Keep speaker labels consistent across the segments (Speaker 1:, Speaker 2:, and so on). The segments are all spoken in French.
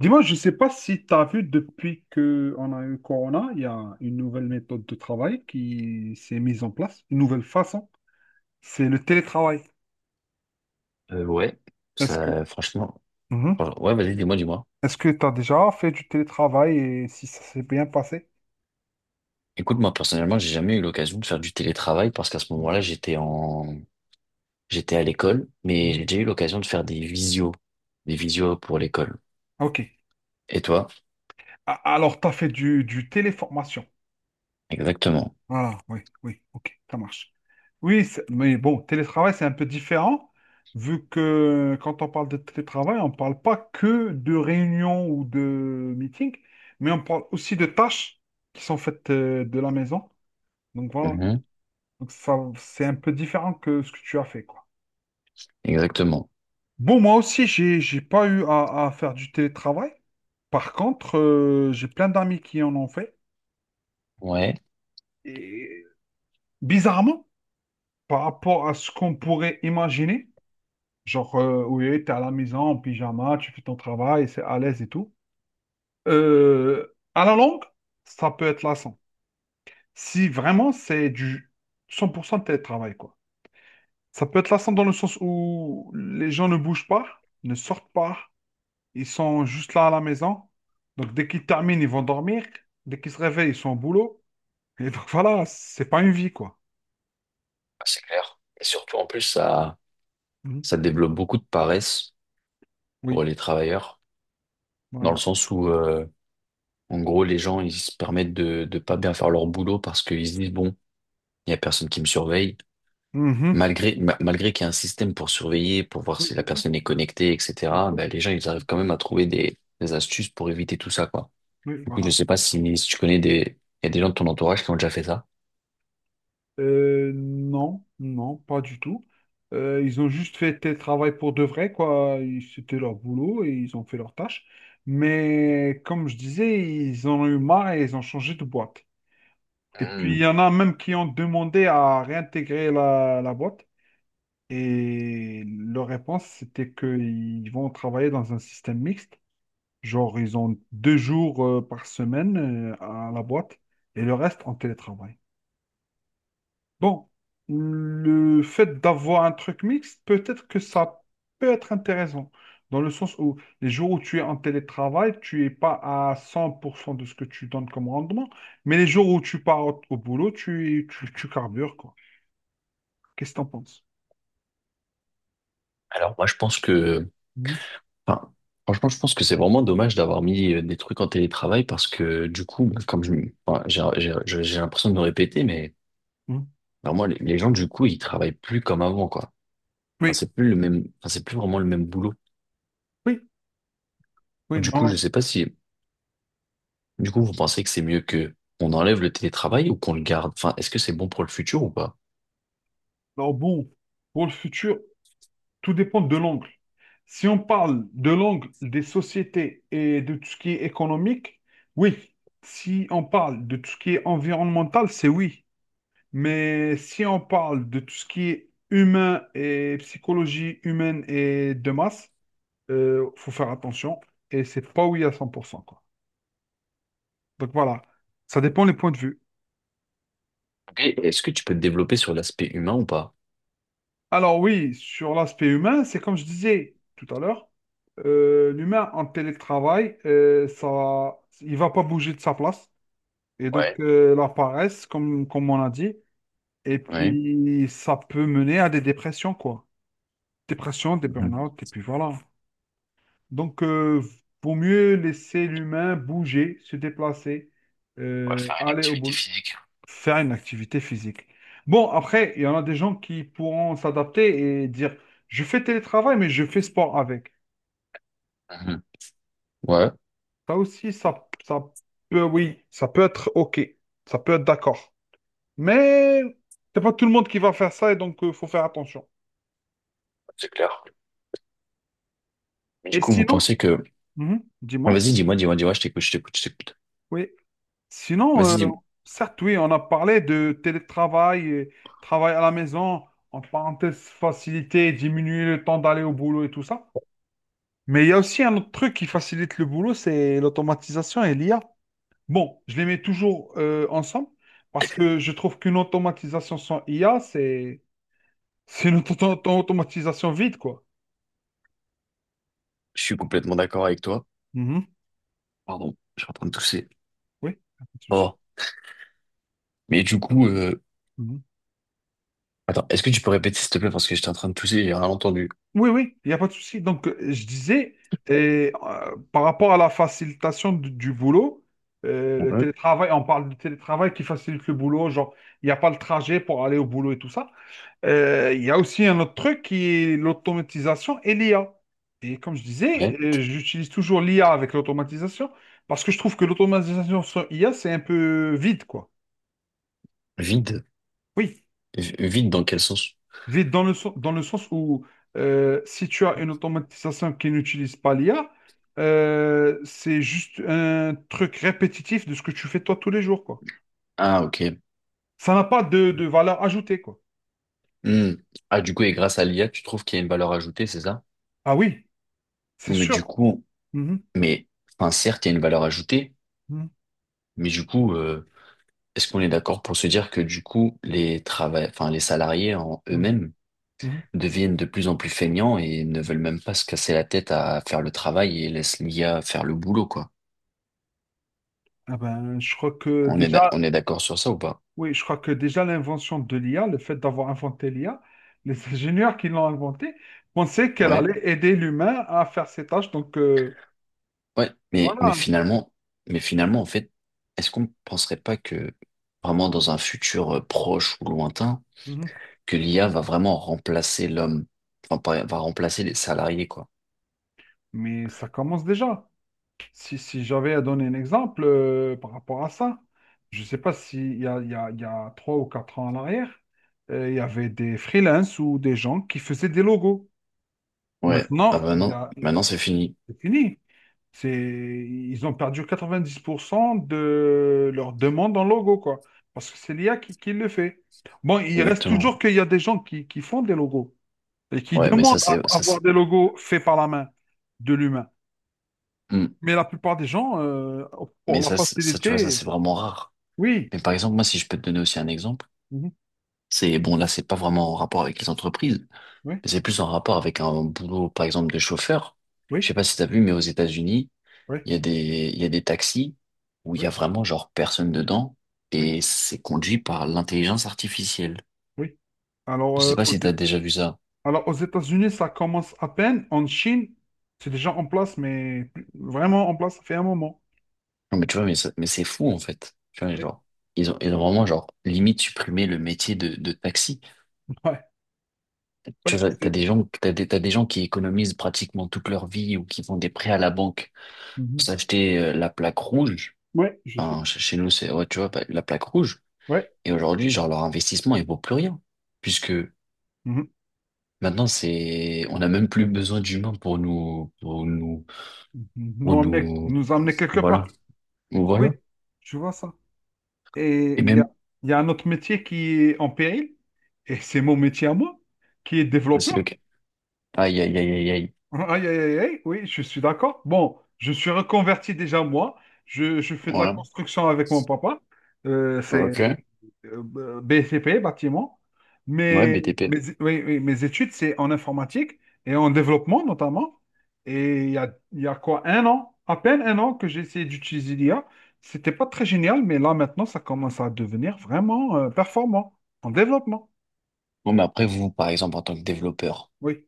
Speaker 1: Dis-moi, je ne sais pas si tu as vu depuis qu'on a eu Corona, il y a une nouvelle méthode de travail qui s'est mise en place, une nouvelle façon, c'est le télétravail.
Speaker 2: Euh, ouais,
Speaker 1: Est-ce que
Speaker 2: Ça, franchement,
Speaker 1: Mhm.
Speaker 2: ouais, vas-y, dis-moi, dis-moi.
Speaker 1: Est-ce que tu as déjà fait du télétravail et si ça s'est bien passé?
Speaker 2: Écoute, moi, personnellement, j'ai jamais eu l'occasion de faire du télétravail parce qu'à ce
Speaker 1: Mhm.
Speaker 2: moment-là, j'étais à l'école, mais
Speaker 1: Mhm.
Speaker 2: j'ai déjà eu l'occasion de faire des visios pour l'école.
Speaker 1: Ok.
Speaker 2: Et toi?
Speaker 1: Alors, tu as fait du téléformation.
Speaker 2: Exactement.
Speaker 1: Voilà, oui, oui, ok, ça marche. Oui, mais bon, télétravail, c'est un peu différent, vu que quand on parle de télétravail, on ne parle pas que de réunions ou de meetings, mais on parle aussi de tâches qui sont faites de la maison. Donc voilà,
Speaker 2: Mhm.
Speaker 1: donc ça, c'est un peu différent que ce que tu as fait, quoi.
Speaker 2: Exactement.
Speaker 1: Bon, moi aussi, j'ai pas eu à faire du télétravail. Par contre, j'ai plein d'amis qui en ont fait.
Speaker 2: Ouais.
Speaker 1: Et bizarrement, par rapport à ce qu'on pourrait imaginer, genre, oui, tu à la maison en pyjama, tu fais ton travail, c'est à l'aise et tout. À la longue, ça peut être lassant. Si vraiment c'est du 100% de télétravail, quoi. Ça peut être lassant dans le sens où les gens ne bougent pas, ne sortent pas, ils sont juste là à la maison. Donc, dès qu'ils terminent, ils vont dormir. Dès qu'ils se réveillent, ils sont au boulot. Et donc, voilà, c'est pas une vie, quoi.
Speaker 2: Ah, c'est clair. Et surtout, en plus,
Speaker 1: Mhm.
Speaker 2: ça développe beaucoup de paresse
Speaker 1: Oui,
Speaker 2: pour les travailleurs, dans le
Speaker 1: voilà.
Speaker 2: sens où, en gros, les gens, ils se permettent de pas bien faire leur boulot parce qu'ils se disent, bon, il n'y a personne qui me surveille.
Speaker 1: Mhm.
Speaker 2: Malgré qu'il y ait un système pour surveiller, pour voir
Speaker 1: Oui,
Speaker 2: si la
Speaker 1: c'est tout.
Speaker 2: personne est connectée, etc., ben, les gens, ils arrivent quand même à trouver des astuces pour éviter tout ça, quoi.
Speaker 1: Oui,
Speaker 2: Du coup, je
Speaker 1: voilà.
Speaker 2: sais pas si, si tu connais des, il y a des gens de ton entourage qui ont déjà fait ça.
Speaker 1: Non, non, pas du tout. Ils ont juste fait tel travail pour de vrai, quoi. C'était leur boulot et ils ont fait leur tâche. Mais comme je disais, ils en ont eu marre et ils ont changé de boîte. Et puis il
Speaker 2: Hmm.
Speaker 1: y en a même qui ont demandé à réintégrer la boîte. Et leur réponse, c'était qu'ils vont travailler dans un système mixte. Genre, ils ont 2 jours par semaine à la boîte et le reste en télétravail. Bon, le fait d'avoir un truc mixte, peut-être que ça peut être intéressant, dans le sens où les jours où tu es en télétravail, tu n'es pas à 100% de ce que tu donnes comme rendement, mais les jours où tu pars au boulot, tu carbures, quoi. Qu'est-ce que tu en penses?
Speaker 2: Alors, moi, je pense que,
Speaker 1: Mhm.
Speaker 2: enfin, franchement, je pense que c'est vraiment dommage d'avoir mis des trucs en télétravail parce que, du coup, ben, comme je, enfin, j'ai l'impression de me répéter, mais
Speaker 1: Mhm.
Speaker 2: alors moi, les gens, du coup, ils travaillent plus comme avant, quoi.
Speaker 1: Oui,
Speaker 2: C'est plus vraiment le même boulot.
Speaker 1: oui, oui,
Speaker 2: Du coup,
Speaker 1: non,
Speaker 2: je sais pas si, du coup, vous pensez que c'est mieux que on enlève le télétravail ou qu'on le garde. Enfin, est-ce que c'est bon pour le futur ou pas?
Speaker 1: non, bon, pour le futur, tout dépend de l'angle. Si on parle de l'angle des sociétés et de tout ce qui est économique, oui. Si on parle de tout ce qui est environnemental, c'est oui. Mais si on parle de tout ce qui est humain et psychologie humaine et de masse, il faut faire attention. Et c'est pas oui à 100%, quoi. Donc voilà, ça dépend les points de vue.
Speaker 2: Ok, est-ce que tu peux te développer sur l'aspect humain ou pas?
Speaker 1: Alors oui, sur l'aspect humain, c'est comme je disais tout à l'heure, l'humain en télétravail, ça, il va pas bouger de sa place. Et donc
Speaker 2: Ouais.
Speaker 1: la paresse, comme on a dit, et
Speaker 2: Ouais.
Speaker 1: puis ça peut mener à des dépressions, quoi. Dépression, des
Speaker 2: Mhm.
Speaker 1: burn-out, et puis voilà. Donc vaut mieux laisser l'humain bouger, se déplacer,
Speaker 2: Ouais, faire une
Speaker 1: aller au
Speaker 2: activité
Speaker 1: boulot
Speaker 2: physique.
Speaker 1: faire une activité physique. Bon, après, il y en a des gens qui pourront s'adapter et dire, je fais télétravail, mais je fais sport avec.
Speaker 2: Mhm. Ouais.
Speaker 1: Ça aussi, ça peut, oui, ça peut être OK. Ça peut être d'accord. Mais c'est pas tout le monde qui va faire ça et donc il faut faire attention.
Speaker 2: C'est clair. Mais du
Speaker 1: Et
Speaker 2: coup, vous
Speaker 1: sinon,
Speaker 2: pensez que,
Speaker 1: Mhm,
Speaker 2: ah,
Speaker 1: dis-moi,
Speaker 2: vas-y, dis-moi, dis-moi, dis-moi, je t'écoute, je t'écoute, je t'écoute.
Speaker 1: oui. Sinon,
Speaker 2: Vas-y, dis-moi.
Speaker 1: certes, oui, on a parlé de télétravail, et travail à la maison, en parenthèse, faciliter, diminuer le temps d'aller au boulot et tout ça. Mais il y a aussi un autre truc qui facilite le boulot, c'est l'automatisation et l'IA. Bon, je les mets toujours ensemble parce que je trouve qu'une automatisation sans IA, c'est une automatisation vide, quoi.
Speaker 2: Je suis complètement d'accord avec toi.
Speaker 1: Mhm.
Speaker 2: Pardon, je suis en train de tousser.
Speaker 1: Oui, y a pas de souci.
Speaker 2: Oh. Mais du coup,
Speaker 1: Mhm.
Speaker 2: attends, est-ce que tu peux répéter s'il te plaît parce que j'étais en train de tousser, et j'ai rien entendu.
Speaker 1: Oui, oui, il n'y a pas de souci. Donc, je disais, et, par rapport à la facilitation du boulot, le
Speaker 2: On
Speaker 1: télétravail, on parle du télétravail qui facilite le boulot, genre, il n'y a pas le trajet pour aller au boulot et tout ça. Il y a aussi un autre truc qui est l'automatisation et l'IA. Et comme je disais,
Speaker 2: ouais.
Speaker 1: j'utilise toujours l'IA avec l'automatisation parce que je trouve que l'automatisation sans IA, c'est un peu vide, quoi.
Speaker 2: Vide.
Speaker 1: Oui,
Speaker 2: Vide dans quel sens?
Speaker 1: vide dans le sens où si tu as une automatisation qui n'utilise pas l'IA, c'est juste un truc répétitif de ce que tu fais toi tous les jours, quoi.
Speaker 2: Ah, ok.
Speaker 1: Ça n'a pas de valeur ajoutée, quoi.
Speaker 2: Hmm. Ah, du coup, et grâce à l'IA, tu trouves qu'il y a une valeur ajoutée, c'est ça?
Speaker 1: Ah oui, c'est
Speaker 2: Oui.
Speaker 1: sûr. Mhm,
Speaker 2: Mais, certes, il y a une valeur ajoutée,
Speaker 1: mhm,
Speaker 2: mais du coup, est-ce qu'on est d'accord pour se dire que du coup, les salariés en
Speaker 1: mhm,
Speaker 2: eux-mêmes
Speaker 1: mhm.
Speaker 2: deviennent de plus en plus feignants et ne veulent même pas se casser la tête à faire le travail et laissent l'IA faire le boulot, quoi.
Speaker 1: Ah ben, je crois que déjà,
Speaker 2: On est d'accord sur ça ou pas?
Speaker 1: Oui, je crois que déjà l'invention de l'IA, le fait d'avoir inventé l'IA, les ingénieurs qui l'ont inventée pensaient qu'elle
Speaker 2: Ouais.
Speaker 1: allait aider l'humain à faire ses tâches. Donc
Speaker 2: Ouais, mais, mais
Speaker 1: voilà.
Speaker 2: finalement, mais finalement, en fait, est-ce qu'on ne penserait pas que vraiment dans un futur proche ou lointain,
Speaker 1: Mhm.
Speaker 2: que l'IA va vraiment remplacer l'homme, va remplacer les salariés, quoi.
Speaker 1: Mais ça commence déjà. Si j'avais à donner un exemple par rapport à ça, je ne sais pas s'il y a, il y a 3 ou 4 ans en arrière, il y avait des freelances ou des gens qui faisaient des logos.
Speaker 2: Ouais, ah
Speaker 1: Maintenant,
Speaker 2: bah
Speaker 1: il y
Speaker 2: non,
Speaker 1: a
Speaker 2: maintenant c'est fini.
Speaker 1: C'est fini. C'est... Ils ont perdu 90% de leur demande en logo, quoi. Parce que c'est l'IA qui le fait. Bon, il reste
Speaker 2: Exactement.
Speaker 1: toujours qu'il y a des gens qui font des logos et qui
Speaker 2: Ouais, mais
Speaker 1: demandent
Speaker 2: ça c'est,
Speaker 1: à
Speaker 2: ça c'est,
Speaker 1: avoir des logos faits par la main de l'humain.
Speaker 2: Hmm.
Speaker 1: Mais la plupart des gens, pour la
Speaker 2: Ça tu vois, ça
Speaker 1: facilité,
Speaker 2: c'est vraiment rare.
Speaker 1: oui,
Speaker 2: Mais par exemple, moi, si je peux te donner aussi un exemple,
Speaker 1: mhm,
Speaker 2: c'est, bon, là, c'est pas vraiment en rapport avec les entreprises,
Speaker 1: oui,
Speaker 2: mais c'est plus en rapport avec un boulot, par exemple, de chauffeur. Je
Speaker 1: oui,
Speaker 2: sais pas si t'as vu, mais aux États-Unis,
Speaker 1: oui,
Speaker 2: il y a il y a des taxis où il y
Speaker 1: oui,
Speaker 2: a vraiment genre personne dedans
Speaker 1: oui,
Speaker 2: et c'est conduit par l'intelligence artificielle.
Speaker 1: oui. Alors,
Speaker 2: Je
Speaker 1: euh,
Speaker 2: sais pas
Speaker 1: aux,
Speaker 2: si t'as déjà vu ça.
Speaker 1: alors, aux États-Unis, ça commence à peine. En Chine, c'est déjà en place, mais vraiment en place, ça fait un moment.
Speaker 2: Non, mais tu vois, mais c'est fou en fait. Tu vois,
Speaker 1: Oui.
Speaker 2: genre, ils ont vraiment genre limite supprimé le métier de taxi.
Speaker 1: Ouais,
Speaker 2: Tu
Speaker 1: ouais,
Speaker 2: vois, t'as des gens, t'as des gens qui économisent pratiquement toute leur vie ou qui font des prêts à la banque pour
Speaker 1: Mhm.
Speaker 2: s'acheter la plaque rouge.
Speaker 1: Ouais, je suis.
Speaker 2: Chez nous, c'est, ouais, tu vois, bah, la plaque rouge.
Speaker 1: Ouais.
Speaker 2: Et aujourd'hui, genre, leur investissement, il vaut plus rien puisque
Speaker 1: Mhm.
Speaker 2: maintenant, c'est, on n'a même plus besoin d'humains
Speaker 1: Nous
Speaker 2: pour
Speaker 1: emmener,
Speaker 2: nous,
Speaker 1: nous emmener quelque part.
Speaker 2: voilà,
Speaker 1: Oui,
Speaker 2: voilà.
Speaker 1: je vois ça. Et
Speaker 2: Et
Speaker 1: il y
Speaker 2: même,
Speaker 1: a, il y a un autre métier qui est en péril, et c'est mon métier à moi, qui est
Speaker 2: c'est le
Speaker 1: développeur.
Speaker 2: cas. Aïe, aïe, aïe, aïe, aïe.
Speaker 1: Aïe, aïe, aïe, aïe, oui, je suis d'accord. Bon, je suis reconverti déjà moi. Je fais de la
Speaker 2: Voilà.
Speaker 1: construction avec mon papa. C'est
Speaker 2: Ok.
Speaker 1: BCP, bâtiment.
Speaker 2: Ouais,
Speaker 1: Mais
Speaker 2: BTP.
Speaker 1: oui, oui, mes études, c'est en informatique et en développement notamment. Et il y a quoi, un an, à peine un an que j'ai essayé d'utiliser l'IA. C'était pas très génial, mais là maintenant, ça commence à devenir vraiment performant en développement.
Speaker 2: Bon, mais après, vous, par exemple, en tant que développeur,
Speaker 1: Oui,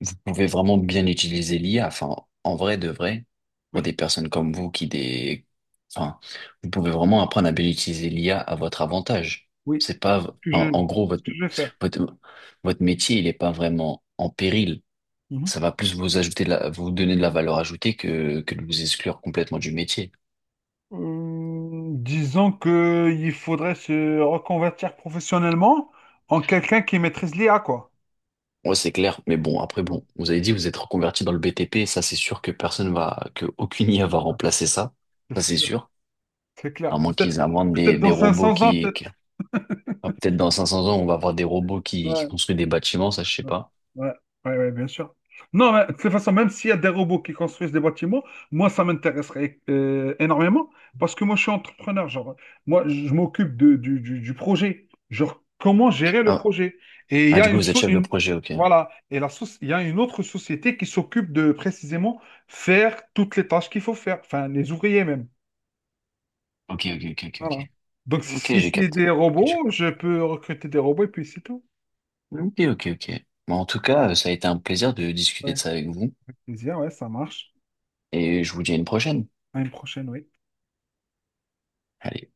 Speaker 2: vous pouvez vraiment bien utiliser l'IA. Enfin, en vrai, de vrai, pour
Speaker 1: oui,
Speaker 2: des personnes comme vous qui des, enfin, vous pouvez vraiment apprendre à bien utiliser l'IA à votre avantage.
Speaker 1: oui.
Speaker 2: C'est pas,
Speaker 1: C'est ce que je,
Speaker 2: en, en gros,
Speaker 1: c'est ce
Speaker 2: votre,
Speaker 1: que je vais faire.
Speaker 2: votre, Votre métier, il est pas vraiment en péril.
Speaker 1: Mhm.
Speaker 2: Ça va plus vous donner de la valeur ajoutée que de vous exclure complètement du métier.
Speaker 1: Disons que il faudrait se reconvertir professionnellement en quelqu'un qui maîtrise l'IA, quoi.
Speaker 2: Ouais, c'est clair, mais bon, après,
Speaker 1: Mm.
Speaker 2: bon, vous avez dit, vous êtes reconverti dans le BTP, ça c'est sûr que personne va, que aucune IA va remplacer ça,
Speaker 1: C'est
Speaker 2: ça c'est
Speaker 1: sûr.
Speaker 2: sûr.
Speaker 1: C'est
Speaker 2: À
Speaker 1: clair.
Speaker 2: moins
Speaker 1: Peut-être
Speaker 2: qu'ils inventent
Speaker 1: peut-être
Speaker 2: des
Speaker 1: dans cinq
Speaker 2: robots
Speaker 1: cents ans, peut-être.
Speaker 2: ah, peut-être dans 500 ans, on va avoir des robots qui
Speaker 1: Ouais,
Speaker 2: construisent des bâtiments, ça je sais
Speaker 1: ouais,
Speaker 2: pas.
Speaker 1: ouais, ouais, ouais, bien sûr. Non, mais de toute façon, même s'il y a des robots qui construisent des bâtiments, moi, ça m'intéresserait énormément parce que moi, je suis entrepreneur. Genre, moi, je m'occupe du projet. Genre, comment gérer le
Speaker 2: Ah,
Speaker 1: projet? Et il y
Speaker 2: ah,
Speaker 1: a
Speaker 2: du coup,
Speaker 1: une,
Speaker 2: vous êtes
Speaker 1: so-
Speaker 2: chef de
Speaker 1: une-
Speaker 2: projet, ok.
Speaker 1: voilà. Il y a une autre société qui s'occupe de précisément faire toutes les tâches qu'il faut faire, enfin, les ouvriers même.
Speaker 2: Ok, ok, ok, ok,
Speaker 1: Voilà.
Speaker 2: ok.
Speaker 1: Donc,
Speaker 2: Ok,
Speaker 1: si
Speaker 2: j'ai
Speaker 1: c'est
Speaker 2: capté.
Speaker 1: des
Speaker 2: Ok, j'ai-
Speaker 1: robots, je peux recruter des robots et puis c'est tout.
Speaker 2: ok, ok. Ok. Bon, en tout cas, ça a été un plaisir de discuter
Speaker 1: Ouais.
Speaker 2: de ça avec vous,
Speaker 1: Plaisir, ouais, ça marche.
Speaker 2: et je vous dis à une prochaine.
Speaker 1: À une prochaine, oui.
Speaker 2: Allez.